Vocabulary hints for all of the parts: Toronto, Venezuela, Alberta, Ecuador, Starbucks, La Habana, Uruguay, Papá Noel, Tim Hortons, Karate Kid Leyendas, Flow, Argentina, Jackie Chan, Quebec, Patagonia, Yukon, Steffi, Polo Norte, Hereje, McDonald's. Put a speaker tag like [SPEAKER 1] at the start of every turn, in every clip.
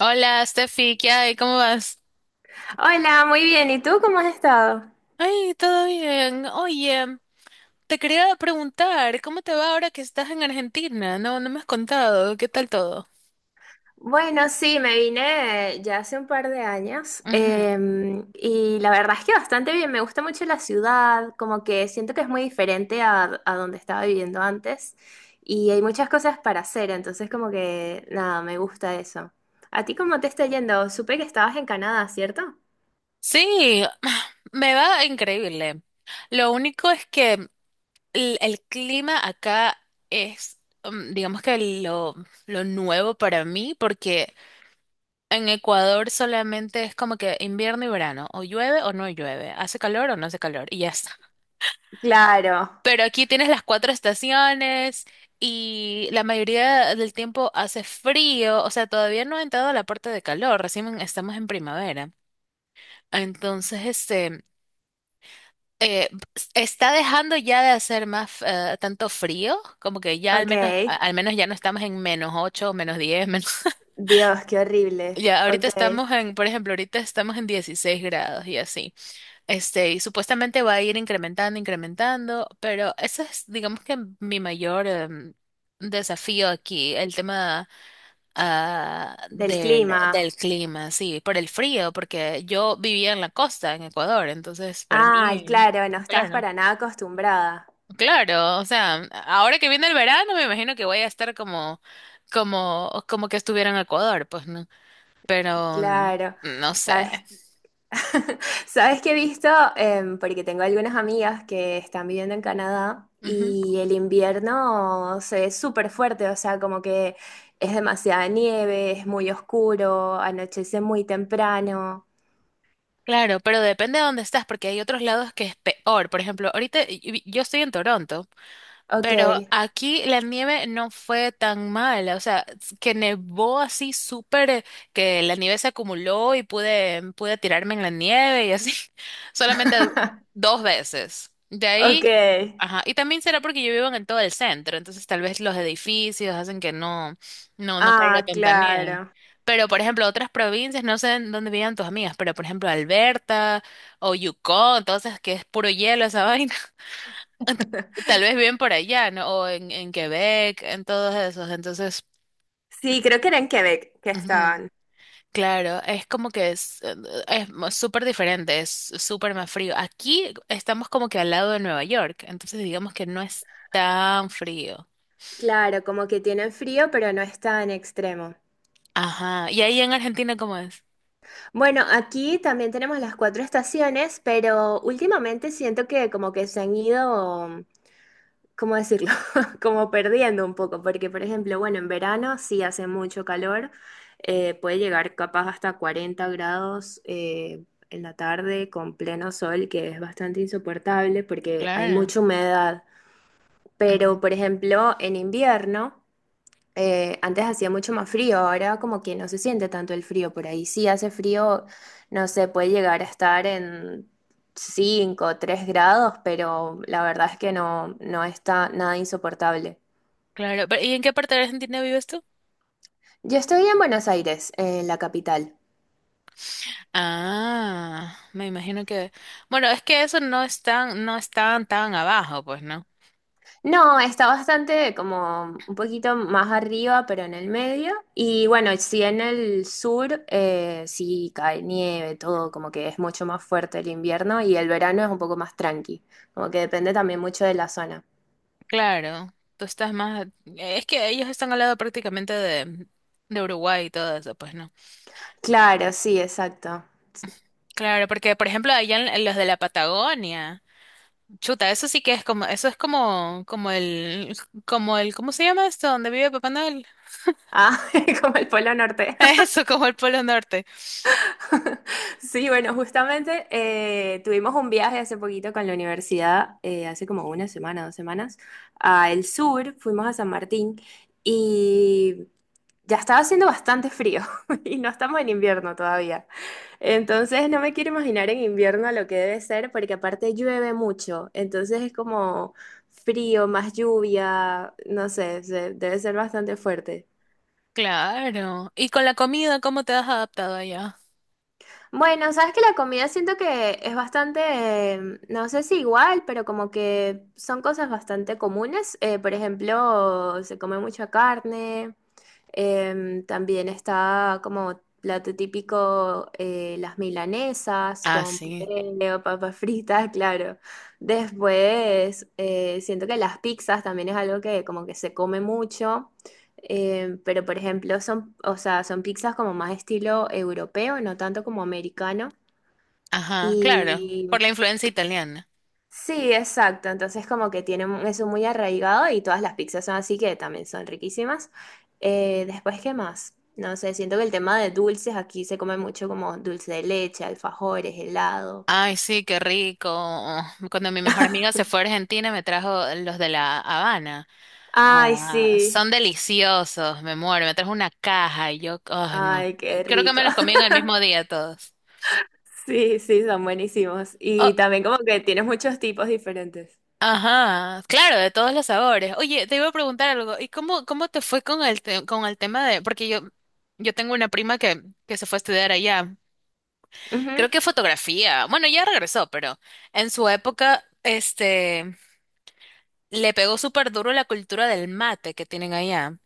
[SPEAKER 1] Hola, Steffi, ¿qué hay? ¿Cómo vas?
[SPEAKER 2] Hola, muy bien. ¿Y tú cómo has estado?
[SPEAKER 1] Ay, todo bien. Oye, te quería preguntar, ¿cómo te va ahora que estás en Argentina? No, no me has contado. ¿Qué tal todo?
[SPEAKER 2] Bueno, sí, me vine ya hace un par de años
[SPEAKER 1] Ujú.
[SPEAKER 2] y la verdad es que bastante bien. Me gusta mucho la ciudad, como que siento que es muy diferente a donde estaba viviendo antes y hay muchas cosas para hacer, entonces como que nada, me gusta eso. ¿A ti cómo te está yendo? Supe que estabas en Canadá, ¿cierto?
[SPEAKER 1] Sí, me va increíble. Lo único es que el clima acá es, digamos que lo, lo nuevo para mí, porque en Ecuador solamente es como que invierno y verano, o llueve o no llueve, hace calor o no hace calor, y ya está.
[SPEAKER 2] Claro,
[SPEAKER 1] Pero aquí tienes las cuatro estaciones y la mayoría del tiempo hace frío, o sea, todavía no ha entrado a la parte de calor, recién estamos en primavera. Entonces, este, eh, está dejando ya de hacer más tanto frío, como que ya al
[SPEAKER 2] ok.
[SPEAKER 1] menos, al menos ya no estamos en -8, -10, menos...
[SPEAKER 2] Dios, qué horrible.
[SPEAKER 1] Ya,
[SPEAKER 2] Ok.
[SPEAKER 1] por ejemplo, ahorita estamos en 16 grados y así. Este, y supuestamente va a ir incrementando, incrementando, pero ese es, digamos que mi mayor desafío aquí, el tema ah,
[SPEAKER 2] Del
[SPEAKER 1] del,
[SPEAKER 2] clima.
[SPEAKER 1] del clima, sí, por el frío, porque yo vivía en la costa, en Ecuador, entonces para
[SPEAKER 2] Ay,
[SPEAKER 1] mí,
[SPEAKER 2] claro, no estabas
[SPEAKER 1] claro,
[SPEAKER 2] para nada acostumbrada.
[SPEAKER 1] claro, o sea, ahora que viene el verano, me imagino que voy a estar como que estuviera en Ecuador, pues no, pero
[SPEAKER 2] Claro,
[SPEAKER 1] no sé.
[SPEAKER 2] sabes, sabes que he visto. Porque tengo algunas amigas que están viviendo en Canadá y el invierno se ve súper fuerte, o sea, como que es demasiada nieve, es muy oscuro, anochece muy temprano.
[SPEAKER 1] Claro, pero depende de dónde estás, porque hay otros lados que es peor. Por ejemplo, ahorita yo estoy en Toronto.
[SPEAKER 2] Ok,
[SPEAKER 1] Pero aquí la nieve no fue tan mala, o sea, que nevó así súper, que la nieve se acumuló y pude tirarme en la nieve y así, solamente dos veces. De
[SPEAKER 2] ok.
[SPEAKER 1] ahí, ajá, y también será porque yo vivo en todo el centro, entonces tal vez los edificios hacen que no, no, no caiga
[SPEAKER 2] Ah,
[SPEAKER 1] tanta nieve.
[SPEAKER 2] claro.
[SPEAKER 1] Pero, por ejemplo, otras provincias, no sé en dónde vivían tus amigas, pero, por ejemplo, Alberta o Yukon, entonces que es puro hielo esa vaina. Tal vez bien por allá, ¿no? O en Quebec, en todos esos. Entonces,
[SPEAKER 2] Sí, creo que era en Quebec que
[SPEAKER 1] ujú,
[SPEAKER 2] estaban.
[SPEAKER 1] claro, es como que es súper diferente, es súper más frío. Aquí estamos como que al lado de Nueva York, entonces digamos que no es tan frío.
[SPEAKER 2] Claro, como que tienen frío, pero no es tan extremo.
[SPEAKER 1] Ajá. ¿Y ahí en Argentina cómo es?
[SPEAKER 2] Bueno, aquí también tenemos las cuatro estaciones, pero últimamente siento que como que se han ido, ¿cómo decirlo? Como perdiendo un poco, porque por ejemplo, bueno, en verano sí hace mucho calor, puede llegar capaz hasta 40 grados en la tarde con pleno sol, que es bastante insoportable porque hay
[SPEAKER 1] Claro.
[SPEAKER 2] mucha humedad,
[SPEAKER 1] Ujú.
[SPEAKER 2] pero por ejemplo, en invierno... antes hacía mucho más frío, ahora como que no se siente tanto el frío por ahí. Sí hace frío, no sé, puede llegar a estar en 5 o 3 grados, pero la verdad es que no, no está nada insoportable.
[SPEAKER 1] Claro. Pero, ¿y en qué parte de Argentina vives tú?
[SPEAKER 2] Yo estoy en Buenos Aires, en la capital.
[SPEAKER 1] Ah, me imagino que... Bueno, es que eso no es tan, tan abajo, pues, ¿no?
[SPEAKER 2] No, está bastante como un poquito más arriba, pero en el medio. Y bueno, sí, en el sur, sí cae nieve, todo, como que es mucho más fuerte el invierno y el verano es un poco más tranqui, como que depende también mucho de la zona.
[SPEAKER 1] Claro, tú estás más... Es que ellos están al lado prácticamente de Uruguay y todo eso, pues no.
[SPEAKER 2] Claro, sí, exacto.
[SPEAKER 1] Claro, porque por ejemplo allá en los de la Patagonia, chuta, eso sí que es como, eso es como, como el, ¿cómo se llama esto? ¿Donde vive Papá Noel?
[SPEAKER 2] Ah, como el Polo Norte.
[SPEAKER 1] Eso, como el Polo Norte.
[SPEAKER 2] Sí, bueno, justamente tuvimos un viaje hace poquito con la universidad, hace como una semana, 2 semanas, a el sur, fuimos a San Martín y ya estaba haciendo bastante frío y no estamos en invierno todavía. Entonces no me quiero imaginar en invierno lo que debe ser porque aparte llueve mucho, entonces es como frío, más lluvia, no sé, debe ser bastante fuerte.
[SPEAKER 1] Claro. ¿Y con la comida, cómo te has adaptado allá?
[SPEAKER 2] Bueno, sabes que la comida siento que es bastante, no sé si igual, pero como que son cosas bastante comunes. Por ejemplo, se come mucha carne. También está como plato típico las milanesas
[SPEAKER 1] Ah,
[SPEAKER 2] con
[SPEAKER 1] sí.
[SPEAKER 2] puré o papas fritas. Claro. Después siento que las pizzas también es algo que como que se come mucho, pero por ejemplo son, o sea, son pizzas como más estilo europeo, no tanto como americano.
[SPEAKER 1] Ajá, claro, por
[SPEAKER 2] Y
[SPEAKER 1] la influencia italiana.
[SPEAKER 2] sí, exacto. Entonces como que tiene eso muy arraigado y todas las pizzas son así que también son riquísimas. Después, ¿qué más? No sé, siento que el tema de dulces aquí se come mucho como dulce de leche, alfajores, helado.
[SPEAKER 1] Ay, sí, qué rico. Cuando mi mejor amiga se fue a Argentina, me trajo los de La Habana.
[SPEAKER 2] Ay,
[SPEAKER 1] Ah,
[SPEAKER 2] sí.
[SPEAKER 1] son deliciosos, me muero. Me trajo una caja y yo, ay, no.
[SPEAKER 2] Ay, qué
[SPEAKER 1] Creo que
[SPEAKER 2] rico.
[SPEAKER 1] me los comí en el mismo día todos.
[SPEAKER 2] Sí, sí, son buenísimos.
[SPEAKER 1] Oh,
[SPEAKER 2] Y también como que tienes muchos tipos diferentes.
[SPEAKER 1] ajá, claro, de todos los sabores. Oye, te iba a preguntar algo. ¿Y cómo te fue con con el tema de, porque yo tengo una prima que se fue a estudiar allá. Creo que fotografía. Bueno, ya regresó, pero en su época, este, le pegó súper duro la cultura del mate que tienen allá.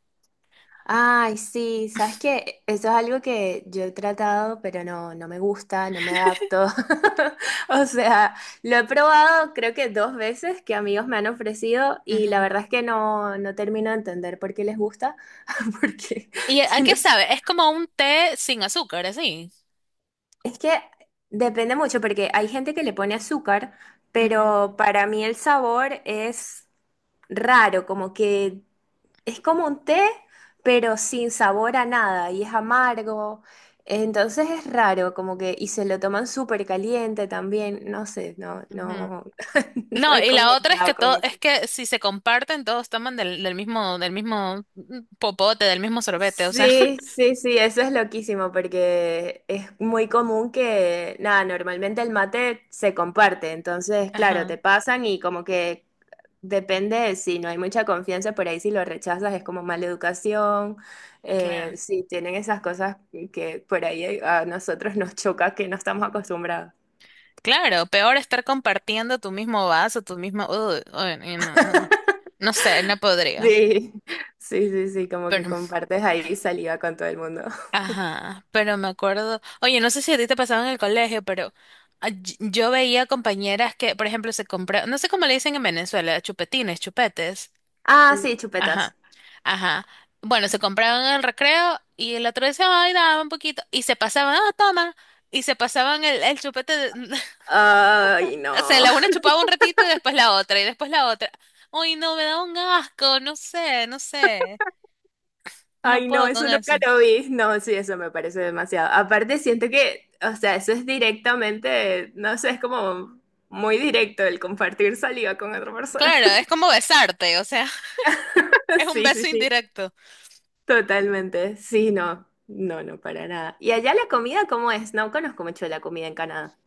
[SPEAKER 2] Ay, sí, sabes que eso es algo que yo he tratado, pero no, no me gusta, no me adapto. O sea, lo he probado creo que dos veces que amigos me han ofrecido y la
[SPEAKER 1] Ujú.
[SPEAKER 2] verdad es que no, no termino de entender por qué les gusta, porque
[SPEAKER 1] ¿Y a qué
[SPEAKER 2] tienes-
[SPEAKER 1] sabe? Es como un té sin azúcar, así.
[SPEAKER 2] es que depende mucho, porque hay gente que le pone azúcar, pero para mí el sabor es raro, como que es como un té, pero sin sabor a nada y es amargo. Entonces es raro, como que, y se lo toman súper caliente también, no sé, no,
[SPEAKER 1] Ujú.
[SPEAKER 2] no, no
[SPEAKER 1] No,
[SPEAKER 2] he
[SPEAKER 1] y la otra es
[SPEAKER 2] congeniado
[SPEAKER 1] que
[SPEAKER 2] con
[SPEAKER 1] todo,
[SPEAKER 2] eso.
[SPEAKER 1] es que si se comparten, todos toman del mismo, del mismo popote, del mismo sorbete, o sea.
[SPEAKER 2] Sí, sí, sí, eso es loquísimo porque es muy común que, nada, normalmente el mate se comparte, entonces, claro,
[SPEAKER 1] Ajá,
[SPEAKER 2] te pasan y como que depende de si no hay mucha confianza, por ahí si lo rechazas es como mala educación,
[SPEAKER 1] claro.
[SPEAKER 2] sí, tienen esas cosas que por ahí a nosotros nos choca que no estamos acostumbrados.
[SPEAKER 1] Claro, peor estar compartiendo tu mismo vaso, tu mismo, uy, uy, no, no, no. No, no sé, no podría.
[SPEAKER 2] Sí, sí, sí, sí, como que
[SPEAKER 1] Pero,
[SPEAKER 2] compartes ahí saliva con todo el mundo.
[SPEAKER 1] ajá, pero me acuerdo. Oye, no sé si a ti te pasaba en el colegio, pero yo veía compañeras que, por ejemplo, se compraban, no sé cómo le dicen en Venezuela, chupetines, chupetes.
[SPEAKER 2] Ah, sí, chupetas.
[SPEAKER 1] Ajá, ajá. Bueno, se compraban en el recreo y el otro decía, ay, dame un poquito. Y se pasaban, ah, toma. Y se pasaban el chupete.
[SPEAKER 2] Ay,
[SPEAKER 1] O sea,
[SPEAKER 2] no.
[SPEAKER 1] la una chupaba un ratito y después la otra y después la otra. Uy, no, me da un asco, no sé, no sé. No
[SPEAKER 2] Ay, no,
[SPEAKER 1] puedo con
[SPEAKER 2] eso nunca
[SPEAKER 1] eso.
[SPEAKER 2] lo vi. No, sí, eso me parece demasiado. Aparte, siento que, o sea, eso es directamente, no sé, es como muy directo el compartir saliva con otra persona.
[SPEAKER 1] Claro, es como besarte, o sea, es un
[SPEAKER 2] Sí, sí,
[SPEAKER 1] beso
[SPEAKER 2] sí,
[SPEAKER 1] indirecto.
[SPEAKER 2] totalmente. Sí, no, no, no, para nada. ¿Y allá la comida cómo es? No conozco mucho la comida en Canadá.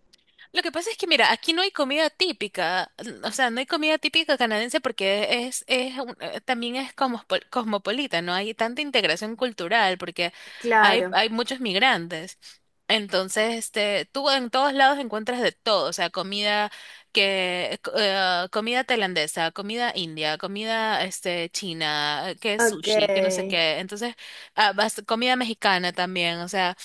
[SPEAKER 1] Lo que pasa es que, mira, aquí no hay comida típica, o sea, no hay comida típica canadiense porque es también es cosmopolita, no hay tanta integración cultural porque hay,
[SPEAKER 2] Claro,
[SPEAKER 1] hay muchos migrantes. Entonces, este, tú en todos lados encuentras de todo, o sea, comida tailandesa, comida india, comida, este, china, que es
[SPEAKER 2] ok.
[SPEAKER 1] sushi, que no sé qué. Entonces, comida mexicana también, o sea.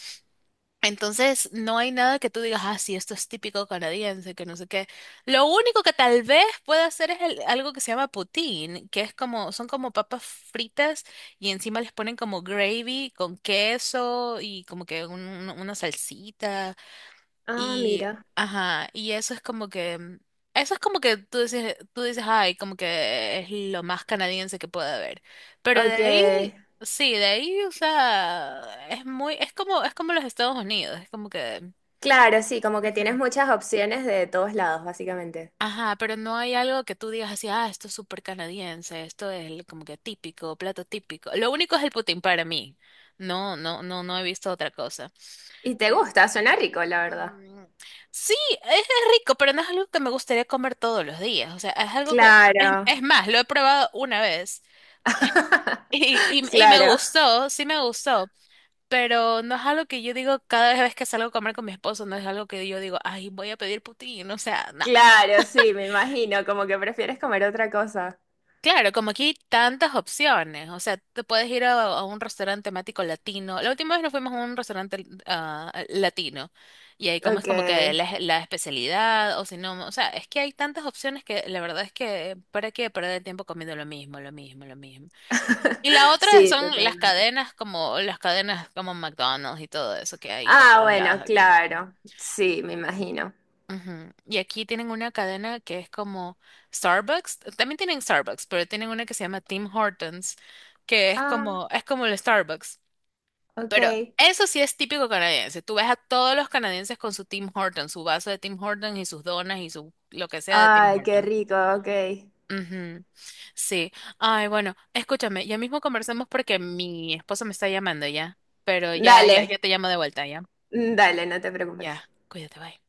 [SPEAKER 1] Entonces, no hay nada que tú digas, ah, sí, esto es típico canadiense, que no sé qué. Lo único que tal vez pueda hacer es algo que se llama poutine, que son como papas fritas y encima les ponen como gravy con queso y como que una salsita.
[SPEAKER 2] Ah,
[SPEAKER 1] Y,
[SPEAKER 2] mira,
[SPEAKER 1] ajá, y eso es como que, mm, eso es como que tú dices, ay, como que es lo más canadiense que puede haber. Pero de
[SPEAKER 2] ok.
[SPEAKER 1] ahí, sí, de ahí, o sea, es como los Estados Unidos, es como que,
[SPEAKER 2] Claro, sí, como que tienes
[SPEAKER 1] ujú,
[SPEAKER 2] muchas opciones de todos lados, básicamente.
[SPEAKER 1] ajá, pero no hay algo que tú digas así, ah, esto es súper canadiense, esto es como que típico, plato típico. Lo único es el poutine para mí. No, no, no, no he visto otra cosa.
[SPEAKER 2] Y te gusta, suena rico, la verdad.
[SPEAKER 1] Mm, sí, es rico, pero no es algo que me gustaría comer todos los días. O sea, es algo que, es,
[SPEAKER 2] Claro,
[SPEAKER 1] es más, lo he probado una vez y, y, y me
[SPEAKER 2] claro,
[SPEAKER 1] gustó, sí me gustó, pero no es algo que yo digo cada vez que salgo a comer con mi esposo, no es algo que yo digo, ay, voy a pedir putín, o sea, no.
[SPEAKER 2] claro, sí, me imagino, como que prefieres comer otra cosa.
[SPEAKER 1] Claro, como aquí hay tantas opciones, o sea, te puedes ir a un restaurante temático latino. La última vez nos fuimos a un restaurante latino y ahí comes
[SPEAKER 2] Ok.
[SPEAKER 1] como que la especialidad o si no, o sea, es que hay tantas opciones que la verdad es que para qué perder el tiempo comiendo lo mismo, lo mismo, lo mismo. Y la otra
[SPEAKER 2] Sí,
[SPEAKER 1] son las
[SPEAKER 2] totalmente.
[SPEAKER 1] cadenas como las cadenas como McDonald's y todo eso que hay por
[SPEAKER 2] Ah,
[SPEAKER 1] todos lados
[SPEAKER 2] bueno,
[SPEAKER 1] aquí.
[SPEAKER 2] claro. Sí, me imagino.
[SPEAKER 1] Ujú. Y aquí tienen una cadena que es como Starbucks. También tienen Starbucks, pero tienen una que se llama Tim Hortons, que es
[SPEAKER 2] Ah,
[SPEAKER 1] como, es como el Starbucks.
[SPEAKER 2] ok.
[SPEAKER 1] Pero eso sí es típico canadiense. Tú ves a todos los canadienses con su Tim Hortons, su vaso de Tim Hortons y sus donas y su lo que sea de Tim
[SPEAKER 2] Ay, qué
[SPEAKER 1] Hortons.
[SPEAKER 2] rico, ok.
[SPEAKER 1] Ujú. Sí. Ay, bueno, escúchame, ya mismo conversamos porque mi esposo me está llamando ya. Pero ya, ya,
[SPEAKER 2] Dale,
[SPEAKER 1] ya te llamo de vuelta, ya.
[SPEAKER 2] dale, no te
[SPEAKER 1] Ya,
[SPEAKER 2] preocupes.
[SPEAKER 1] cuídate, bye.